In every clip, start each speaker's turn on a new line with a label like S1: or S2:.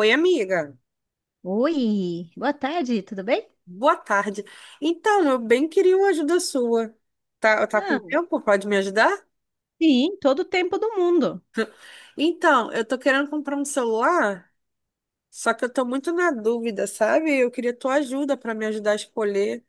S1: Oi, amiga.
S2: Oi, boa tarde, tudo bem?
S1: Boa tarde. Então, eu bem queria uma ajuda sua. Tá com
S2: Ah,
S1: tempo? Pode me ajudar?
S2: sim, todo o tempo do mundo.
S1: Então, eu tô querendo comprar um celular, só que eu tô muito na dúvida, sabe? Eu queria tua ajuda para me ajudar a escolher.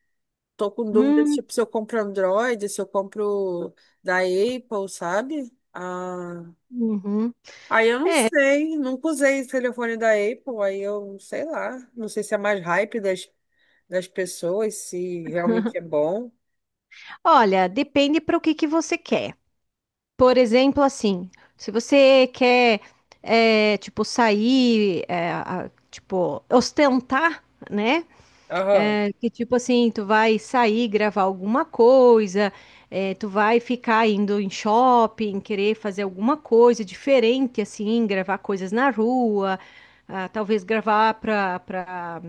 S1: Tô com dúvidas,
S2: Hum,
S1: tipo, se eu compro Android, se eu compro da Apple, sabe? Ah,
S2: uhum.
S1: aí eu não
S2: É,
S1: sei, nunca usei o telefone da Apple, aí eu sei lá, não sei se é mais hype das pessoas, se realmente é bom.
S2: olha, depende para o que que você quer. Por exemplo, assim, se você quer, é, tipo, sair, é, tipo, ostentar, né?
S1: Aham.
S2: É, que tipo assim, tu vai sair, gravar alguma coisa, é, tu vai ficar indo em shopping, querer fazer alguma coisa diferente, assim, gravar coisas na rua, ah, talvez gravar para para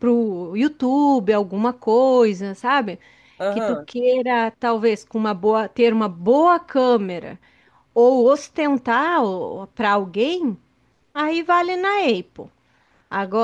S2: pro YouTube alguma coisa, sabe? Que tu
S1: Aham.
S2: queira, talvez, ter uma boa câmera ou ostentar para alguém, aí vale na Apple.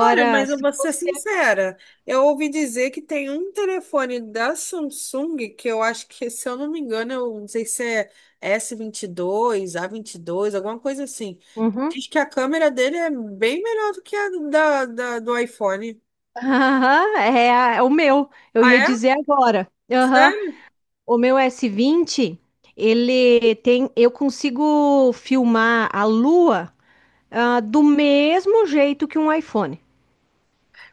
S1: Olha, mas eu
S2: se
S1: vou ser
S2: você.
S1: sincera. Eu ouvi dizer que tem um telefone da Samsung que eu acho que, se eu não me engano, eu não sei se é S22, A22, alguma coisa assim.
S2: Uhum.
S1: Diz que a câmera dele é bem melhor do que a do iPhone.
S2: Aham, é, é o meu. Eu
S1: Ah,
S2: ia
S1: é?
S2: dizer agora. Aham.
S1: Sério?
S2: O meu S20, ele tem. Eu consigo filmar a lua, ah, do mesmo jeito que um iPhone.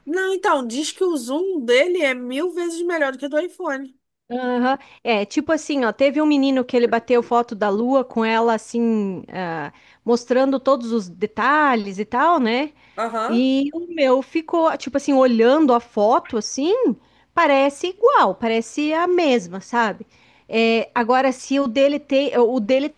S1: Não, então, diz que o zoom dele é 1000 vezes melhor do que o do iPhone.
S2: Aham. É, tipo assim, ó, teve um menino que ele bateu foto da lua com ela assim, ah, mostrando todos os detalhes e tal, né?
S1: Aham.
S2: E o meu ficou, tipo assim, olhando a foto assim, parece igual, parece a mesma, sabe? É, agora, se o dele tem, o dele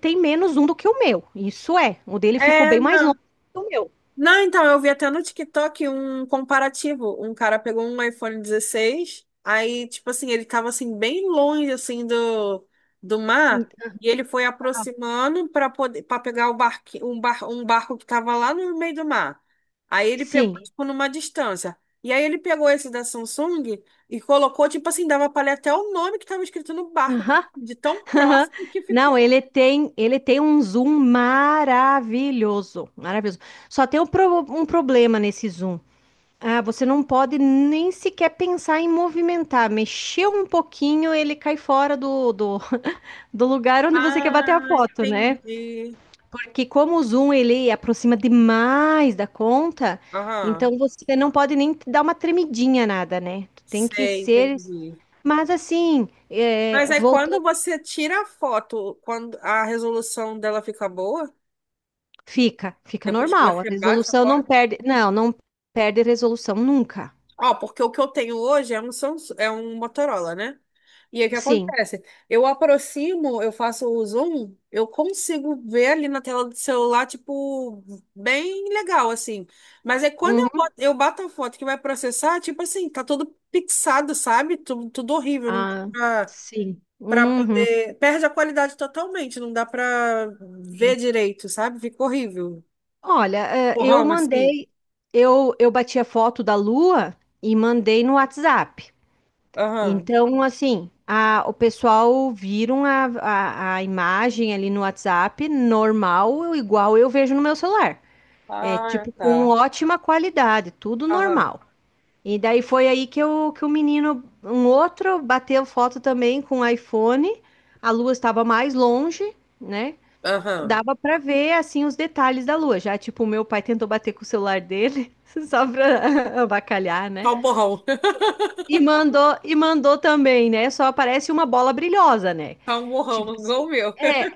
S2: tem menos um do que o meu, isso é, o dele ficou bem
S1: É,
S2: mais longe
S1: não.
S2: do que o meu.
S1: Não, então, eu vi até no TikTok um comparativo. Um cara pegou um iPhone 16, aí, tipo assim, ele tava assim, bem longe, assim, do mar,
S2: Então.
S1: e ele foi aproximando para poder, para pegar o um barco que tava lá no meio do mar. Aí ele pegou,
S2: Sim.
S1: tipo, numa distância. E aí ele pegou esse da Samsung e colocou, tipo assim, dava pra ler até o nome que tava escrito no barco,
S2: Aham,
S1: de tão
S2: aham.
S1: próximo que
S2: Não,
S1: ficou.
S2: ele tem um zoom maravilhoso, maravilhoso. Só tem um, um problema nesse zoom. Ah, você não pode nem sequer pensar em movimentar. Mexeu um pouquinho, ele cai fora do lugar onde você quer bater
S1: Ah,
S2: a foto, né?
S1: entendi.
S2: Porque como o zoom ele aproxima demais da conta,
S1: Aham,
S2: então você não pode nem dar uma tremidinha nada, né? Tu tem que
S1: sei,
S2: ser.
S1: entendi.
S2: Mas assim, é,
S1: Mas aí quando
S2: voltou,
S1: você tira a foto, quando a resolução dela fica boa,
S2: fica
S1: depois que
S2: normal. A
S1: você bate a
S2: resolução não
S1: foto.
S2: perde, não, não perde resolução nunca.
S1: Ó, porque o que eu tenho hoje é um Samsung, é um Motorola, né? E aí o que
S2: Sim.
S1: acontece? Eu aproximo, eu faço o zoom, eu consigo ver ali na tela do celular, tipo, bem legal, assim. Mas aí quando eu
S2: Uhum.
S1: boto, eu bato a foto que vai processar, tipo assim, tá tudo pixado, sabe? Tudo, tudo horrível, não
S2: Ah,
S1: dá
S2: sim.
S1: para
S2: Uhum.
S1: poder. Perde a qualidade totalmente, não dá para ver
S2: Sim.
S1: direito, sabe? Fica horrível.
S2: Olha, eu
S1: Borrão, assim.
S2: mandei, eu bati a foto da lua e mandei no WhatsApp.
S1: Aham.
S2: Então, assim, o pessoal viram a imagem ali no WhatsApp, normal, igual eu vejo no meu celular. É,
S1: Ah,
S2: tipo, com
S1: tá.
S2: ótima qualidade, tudo
S1: Aham.
S2: normal. E daí foi aí que o menino, um outro, bateu foto também com o iPhone, a lua estava mais longe, né?
S1: Aham.
S2: Dava pra ver, assim, os detalhes da lua. Já, tipo, o meu pai tentou bater com o celular dele, só pra avacalhar, né?
S1: Tá um borrão.
S2: E mandou, e mandou também, né? Só aparece uma bola brilhosa, né?
S1: Tá um borrão,
S2: Tipo
S1: igual
S2: assim.
S1: o meu.
S2: É,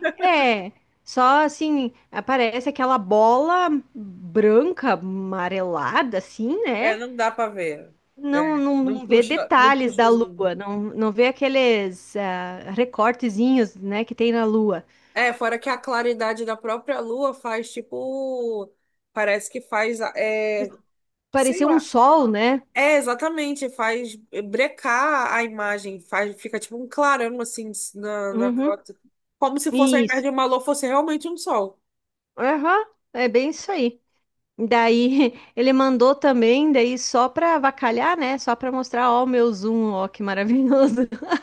S2: é. Só assim, aparece aquela bola branca, amarelada, assim,
S1: É,
S2: né?
S1: não dá para ver. É,
S2: Não, não,
S1: não
S2: não vê
S1: puxa, não
S2: detalhes
S1: puxa
S2: da
S1: o zoom.
S2: lua, não, não vê aqueles ah, recortezinhos, né, que tem na lua.
S1: É, fora que a claridade da própria lua faz tipo. Parece que faz. É, sei
S2: Pareceu um
S1: lá.
S2: sol, né?
S1: É, exatamente, faz brecar a imagem, faz, fica tipo um clarão assim na
S2: Uhum.
S1: foto, como se fosse, ao invés
S2: Isso.
S1: de uma lua, fosse realmente um sol.
S2: Aham, é bem isso aí. Daí ele mandou também, daí só pra avacalhar, né? Só pra mostrar, ó, o meu zoom, ó, que maravilhoso.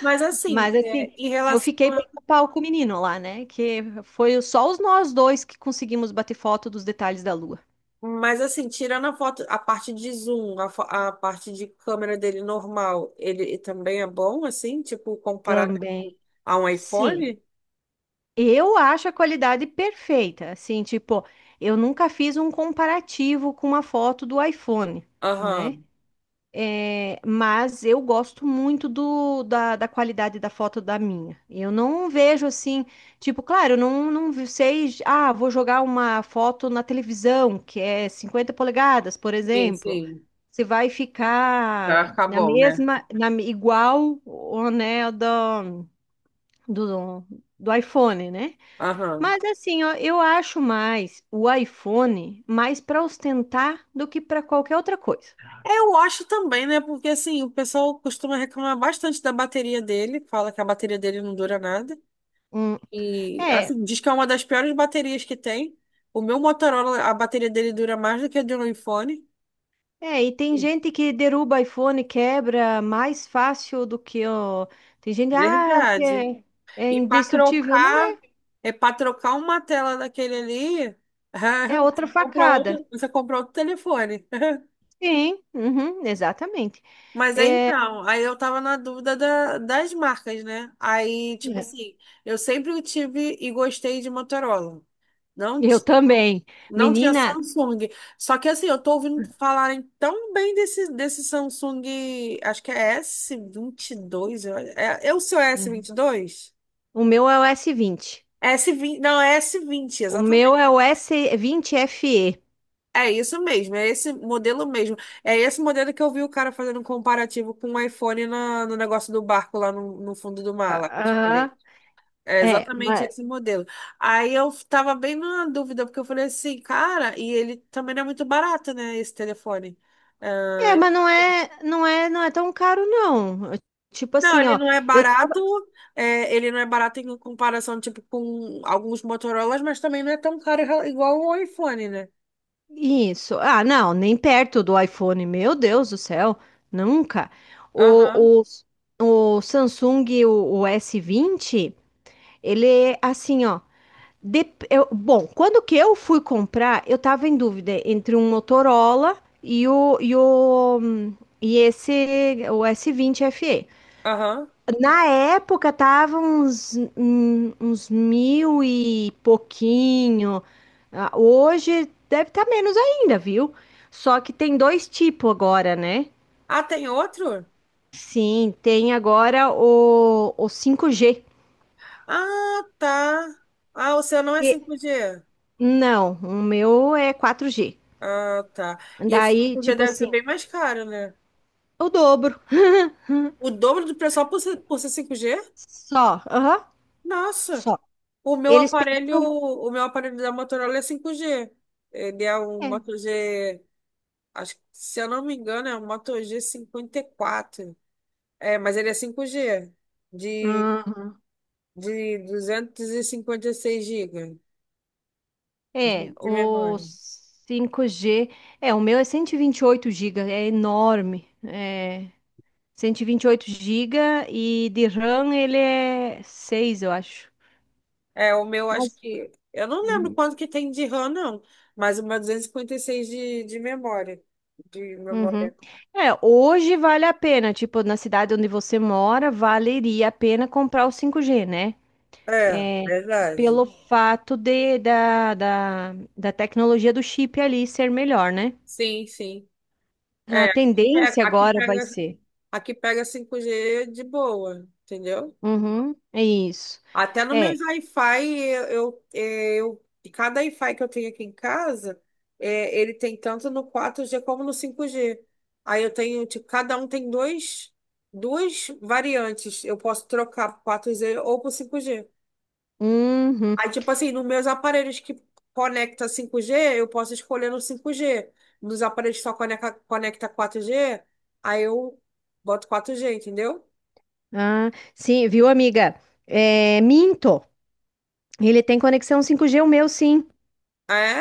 S1: Mas
S2: Mas
S1: assim, é,
S2: assim,
S1: em
S2: eu
S1: relação
S2: fiquei
S1: a-
S2: pau a pau com o menino lá, né? Que foi só os nós dois que conseguimos bater foto dos detalhes da lua.
S1: Mas assim, tirando a foto, a parte de zoom, a, a parte de câmera dele normal, ele também é bom, assim, tipo, comparado
S2: Também.
S1: a um
S2: Sim.
S1: iPhone?
S2: Eu acho a qualidade perfeita. Assim, tipo, eu nunca fiz um comparativo com uma foto do iPhone, né?
S1: Aham,
S2: É, mas eu gosto muito da qualidade da foto da minha. Eu não vejo assim, tipo, claro, eu não sei, ah, vou jogar uma foto na televisão, que é 50 polegadas, por
S1: sim,
S2: exemplo.
S1: sim,
S2: Você vai ficar
S1: vai ficar
S2: na
S1: bom, né?
S2: mesma, igual o né, do, do iPhone, né?
S1: Aham.
S2: Mas assim, ó, eu acho mais o iPhone mais para ostentar do que para qualquer outra coisa.
S1: Eu acho também, né? Porque assim, o pessoal costuma reclamar bastante da bateria dele, fala que a bateria dele não dura nada.
S2: Hum,
S1: E
S2: é,
S1: assim, diz que é uma das piores baterias que tem. O meu Motorola, a bateria dele dura mais do que a de um iPhone.
S2: E tem gente que derruba iPhone, quebra mais fácil do que o. Tem gente, ah, o que
S1: Verdade.
S2: é, é,
S1: E para
S2: indestrutível? Não
S1: trocar,
S2: é,
S1: é para trocar uma tela daquele ali,
S2: é outra facada.
S1: você compra outro telefone.
S2: Sim, uhum, exatamente.
S1: Mas aí
S2: É,
S1: então, aí eu tava na dúvida das marcas, né? Aí, tipo
S2: é,
S1: assim, eu sempre tive e gostei de Motorola. Não,
S2: eu também.
S1: não tinha
S2: Menina.
S1: Samsung. Só que assim, eu tô ouvindo falarem tão bem desse Samsung, acho que é s vinte e dois É, é o seu s
S2: Uhum.
S1: vinte e dois
S2: O meu é o S20.
S1: s vinte não, é s vinte
S2: O
S1: exatamente.
S2: meu é o S vinte FE.
S1: É isso mesmo, é esse modelo mesmo. É esse modelo que eu vi o cara fazendo um comparativo com o iPhone na, no negócio do barco lá no fundo do mar,
S2: Ah,
S1: lá que eu te falei.
S2: ah,
S1: É
S2: é,
S1: exatamente
S2: mas,
S1: esse modelo. Aí eu tava bem na dúvida, porque eu falei assim, cara, e ele também não é muito barato, né, esse telefone.
S2: é,
S1: Ah,
S2: mas não é, não é, não é tão caro, não. Tipo
S1: não,
S2: assim,
S1: ele
S2: ó.
S1: não é
S2: Eu
S1: barato, é, ele não é barato em comparação, tipo, com alguns Motorolas, mas também não é tão caro igual o iPhone, né?
S2: Isso. Ah, não, nem perto do iPhone. Meu Deus do céu, nunca.
S1: Aham,
S2: O, o Samsung, o S20, ele é assim, ó. Bom, quando que eu fui comprar, eu tava em dúvida entre um Motorola e o, e o, e esse, o S20 FE.
S1: aham.
S2: Na época tava uns mil e pouquinho. Ah, hoje deve estar menos ainda, viu? Só que tem dois tipos agora, né?
S1: Ah, tem outro?
S2: Sim, tem agora o 5G.
S1: Ah, tá. Ah, o seu não é
S2: E-
S1: cinco g.
S2: não, o meu é 4G.
S1: Ah, tá. E esse
S2: Daí,
S1: cinco g
S2: tipo
S1: deve ser
S2: assim,
S1: bem mais caro, né?
S2: o dobro.
S1: O dobro do preço só por ser cinco g.
S2: Só, aham,
S1: Nossa.
S2: só. Eles pegaram.
S1: O meu aparelho da Motorola é 5G. Ele é um Moto G, acho, que, se eu não me engano, é um Moto G54. É, mas ele é 5G de,
S2: É.
S1: 256 GB
S2: É,
S1: de
S2: o
S1: memória.
S2: 5G é, o meu é cento e vinte e oito gigas, é enorme. É 128 gigas e de RAM ele é 6, eu acho.
S1: É, o meu acho
S2: Mas
S1: que eu não lembro
S2: uhum.
S1: quanto que tem de RAM não, mas o meu 256 de memória, de
S2: Uhum.
S1: memória.
S2: É, hoje vale a pena, tipo, na cidade onde você mora, valeria a pena comprar o 5G, né?
S1: É,
S2: É,
S1: verdade.
S2: pelo fato da tecnologia do chip ali ser melhor, né?
S1: Sim, sim.
S2: A
S1: É, aqui pega
S2: tendência
S1: aqui
S2: agora vai
S1: pega
S2: ser.
S1: Aqui pega cinco g de boa, entendeu?
S2: Uhum, é isso.
S1: Até no meu
S2: É.
S1: Wi-Fi, cada Wi-Fi que eu tenho aqui em casa, é, ele tem tanto no 4G como no 5G. Aí eu tenho, tipo, cada um tem dois, duas variantes. Eu posso trocar pro 4G ou pro 5G.
S2: Uhum.
S1: Aí, tipo assim, nos meus aparelhos que conecta 5G, eu posso escolher no 5G. Nos aparelhos que só conecta 4G, aí eu boto 4G, entendeu?
S2: Ah, sim, viu, amiga? É, minto. Ele tem conexão 5G, o meu, sim.
S1: É?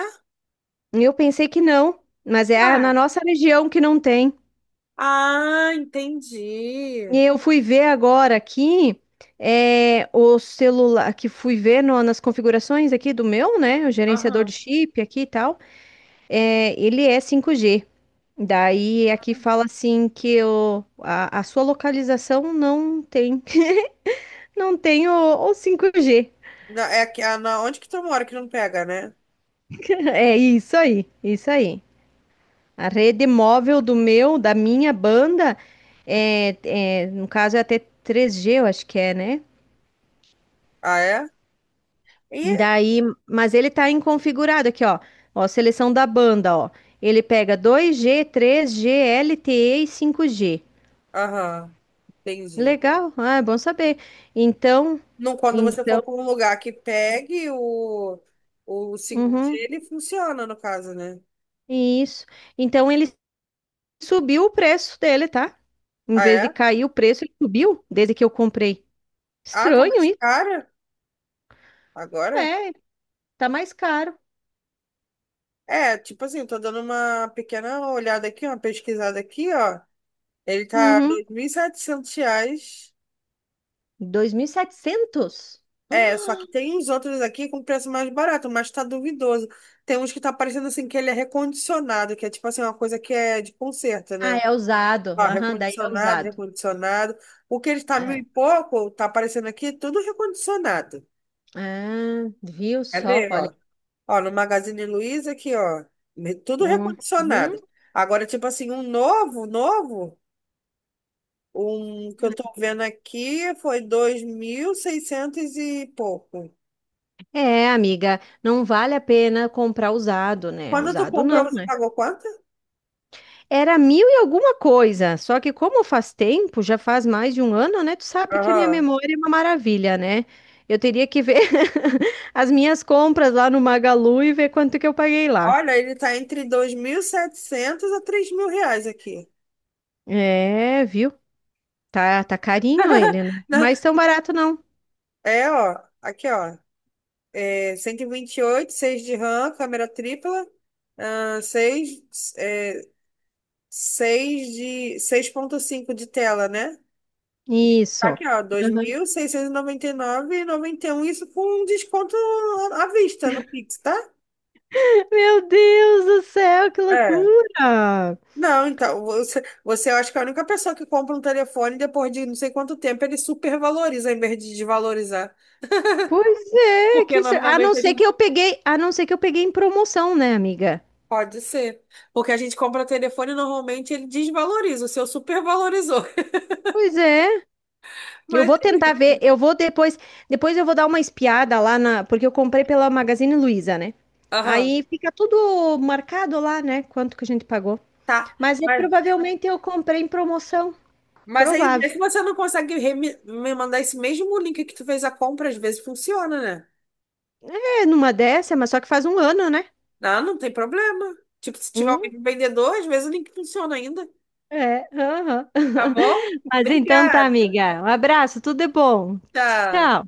S2: Eu pensei que não, mas é na
S1: Ué.
S2: nossa região que não tem.
S1: Ah, entendi.
S2: E eu fui ver agora aqui, é, o celular, que fui ver nas configurações aqui do meu, né? O gerenciador de
S1: Aham.
S2: chip aqui e tal. É, ele é 5G. Daí aqui fala assim que a sua localização não tem. Não tenho o 5G.
S1: É aqui, ah, na, onde que tu mora que não pega, né?
S2: É isso aí, isso aí. A rede móvel do meu, da minha banda, no caso é até 3G, eu acho que é, né?
S1: Ah, é? E,
S2: Daí, mas ele tá inconfigurado aqui, ó. Ó, seleção da banda, ó. Ele pega 2G, 3G, LTE e 5G.
S1: aham, entendi.
S2: Legal, ah, é bom saber. Então,
S1: Não, quando você for
S2: então,
S1: para um lugar que pegue o 5G,
S2: uhum,
S1: ele funciona, no caso, né?
S2: isso. Então ele subiu o preço dele, tá? Em
S1: Ah,
S2: vez de
S1: é?
S2: cair o preço, ele subiu desde que eu comprei.
S1: Ah, tá
S2: Estranho
S1: mais
S2: isso.
S1: caro agora?
S2: É, tá mais caro.
S1: É, tipo assim, tô dando uma pequena olhada aqui, uma pesquisada aqui, ó. Ele tá
S2: Uhum.
S1: R$ 2.700.
S2: 2.700?
S1: É, só que tem uns outros aqui com preço mais barato, mas tá duvidoso. Tem uns que tá parecendo assim que ele é recondicionado, que é tipo assim, uma coisa que é de conserto,
S2: Ah,
S1: né?
S2: é usado.
S1: Ó,
S2: Aham, daí é
S1: recondicionado,
S2: usado.
S1: recondicionado. O que ele tá mil e
S2: É.
S1: pouco, tá aparecendo aqui, tudo recondicionado.
S2: Ah, viu
S1: Quer
S2: só?
S1: ver,
S2: Olha.
S1: ó? Ó, no Magazine Luiza aqui, ó, tudo
S2: Uhum.
S1: recondicionado. Agora, tipo assim, um novo, novo, um que eu tô vendo aqui foi 2.600 e pouco.
S2: É, amiga, não vale a pena comprar usado, né?
S1: Quando tu
S2: Usado
S1: comprou,
S2: não,
S1: você
S2: né?
S1: pagou quanto?
S2: Era mil e alguma coisa, só que como faz tempo, já faz mais de um ano, né? Tu sabe que a minha
S1: Aham.
S2: memória é uma maravilha, né? Eu teria que ver as minhas compras lá no Magalu e ver quanto que eu paguei lá.
S1: Olha, ele tá entre 2.700 a 3.000 reais aqui.
S2: É, viu? Tá carinho ele, né?
S1: Não,
S2: Mas tão barato não.
S1: É, ó, aqui, ó. É 128, 6 de RAM, câmera tripla, ah, 6 é, seis de 6,5 de tela, né?
S2: Isso.
S1: Aqui, ó, dois
S2: Aham.
S1: mil seiscentos noventa noventa e nove e noventa e nove um. Isso com um desconto à vista no Pix, tá?
S2: Meu Deus do céu, que
S1: É.
S2: loucura!
S1: Não, então, você acha que é a única pessoa que compra um telefone e depois de não sei quanto tempo ele supervaloriza em vez de desvalorizar.
S2: Pois é, que...
S1: Porque normalmente a gente.
S2: a não ser que eu peguei em promoção, né, amiga?
S1: Pode ser. Porque a gente compra telefone e normalmente ele desvaloriza. O seu supervalorizou.
S2: Pois é. Eu
S1: Mas.
S2: vou tentar ver, depois eu vou dar uma espiada lá na, porque eu comprei pela Magazine Luiza, né?
S1: Aham,
S2: Aí fica tudo marcado lá, né? Quanto que a gente pagou.
S1: tá.
S2: Mas é,
S1: Mas,
S2: provavelmente eu comprei em promoção.
S1: mas aí, vê
S2: Provável.
S1: se você não consegue me mandar esse mesmo link que tu fez a compra, às vezes funciona, né?
S2: É numa dessa, mas só que faz um ano, né?
S1: Ah, não tem problema. Tipo, se tiver o
S2: Hum,
S1: mesmo vendedor, às vezes o link funciona ainda.
S2: é. Aham.
S1: Tá bom?
S2: Mas então tá,
S1: Obrigada.
S2: amiga. Um abraço, tudo é bom.
S1: Tchau.
S2: Tchau.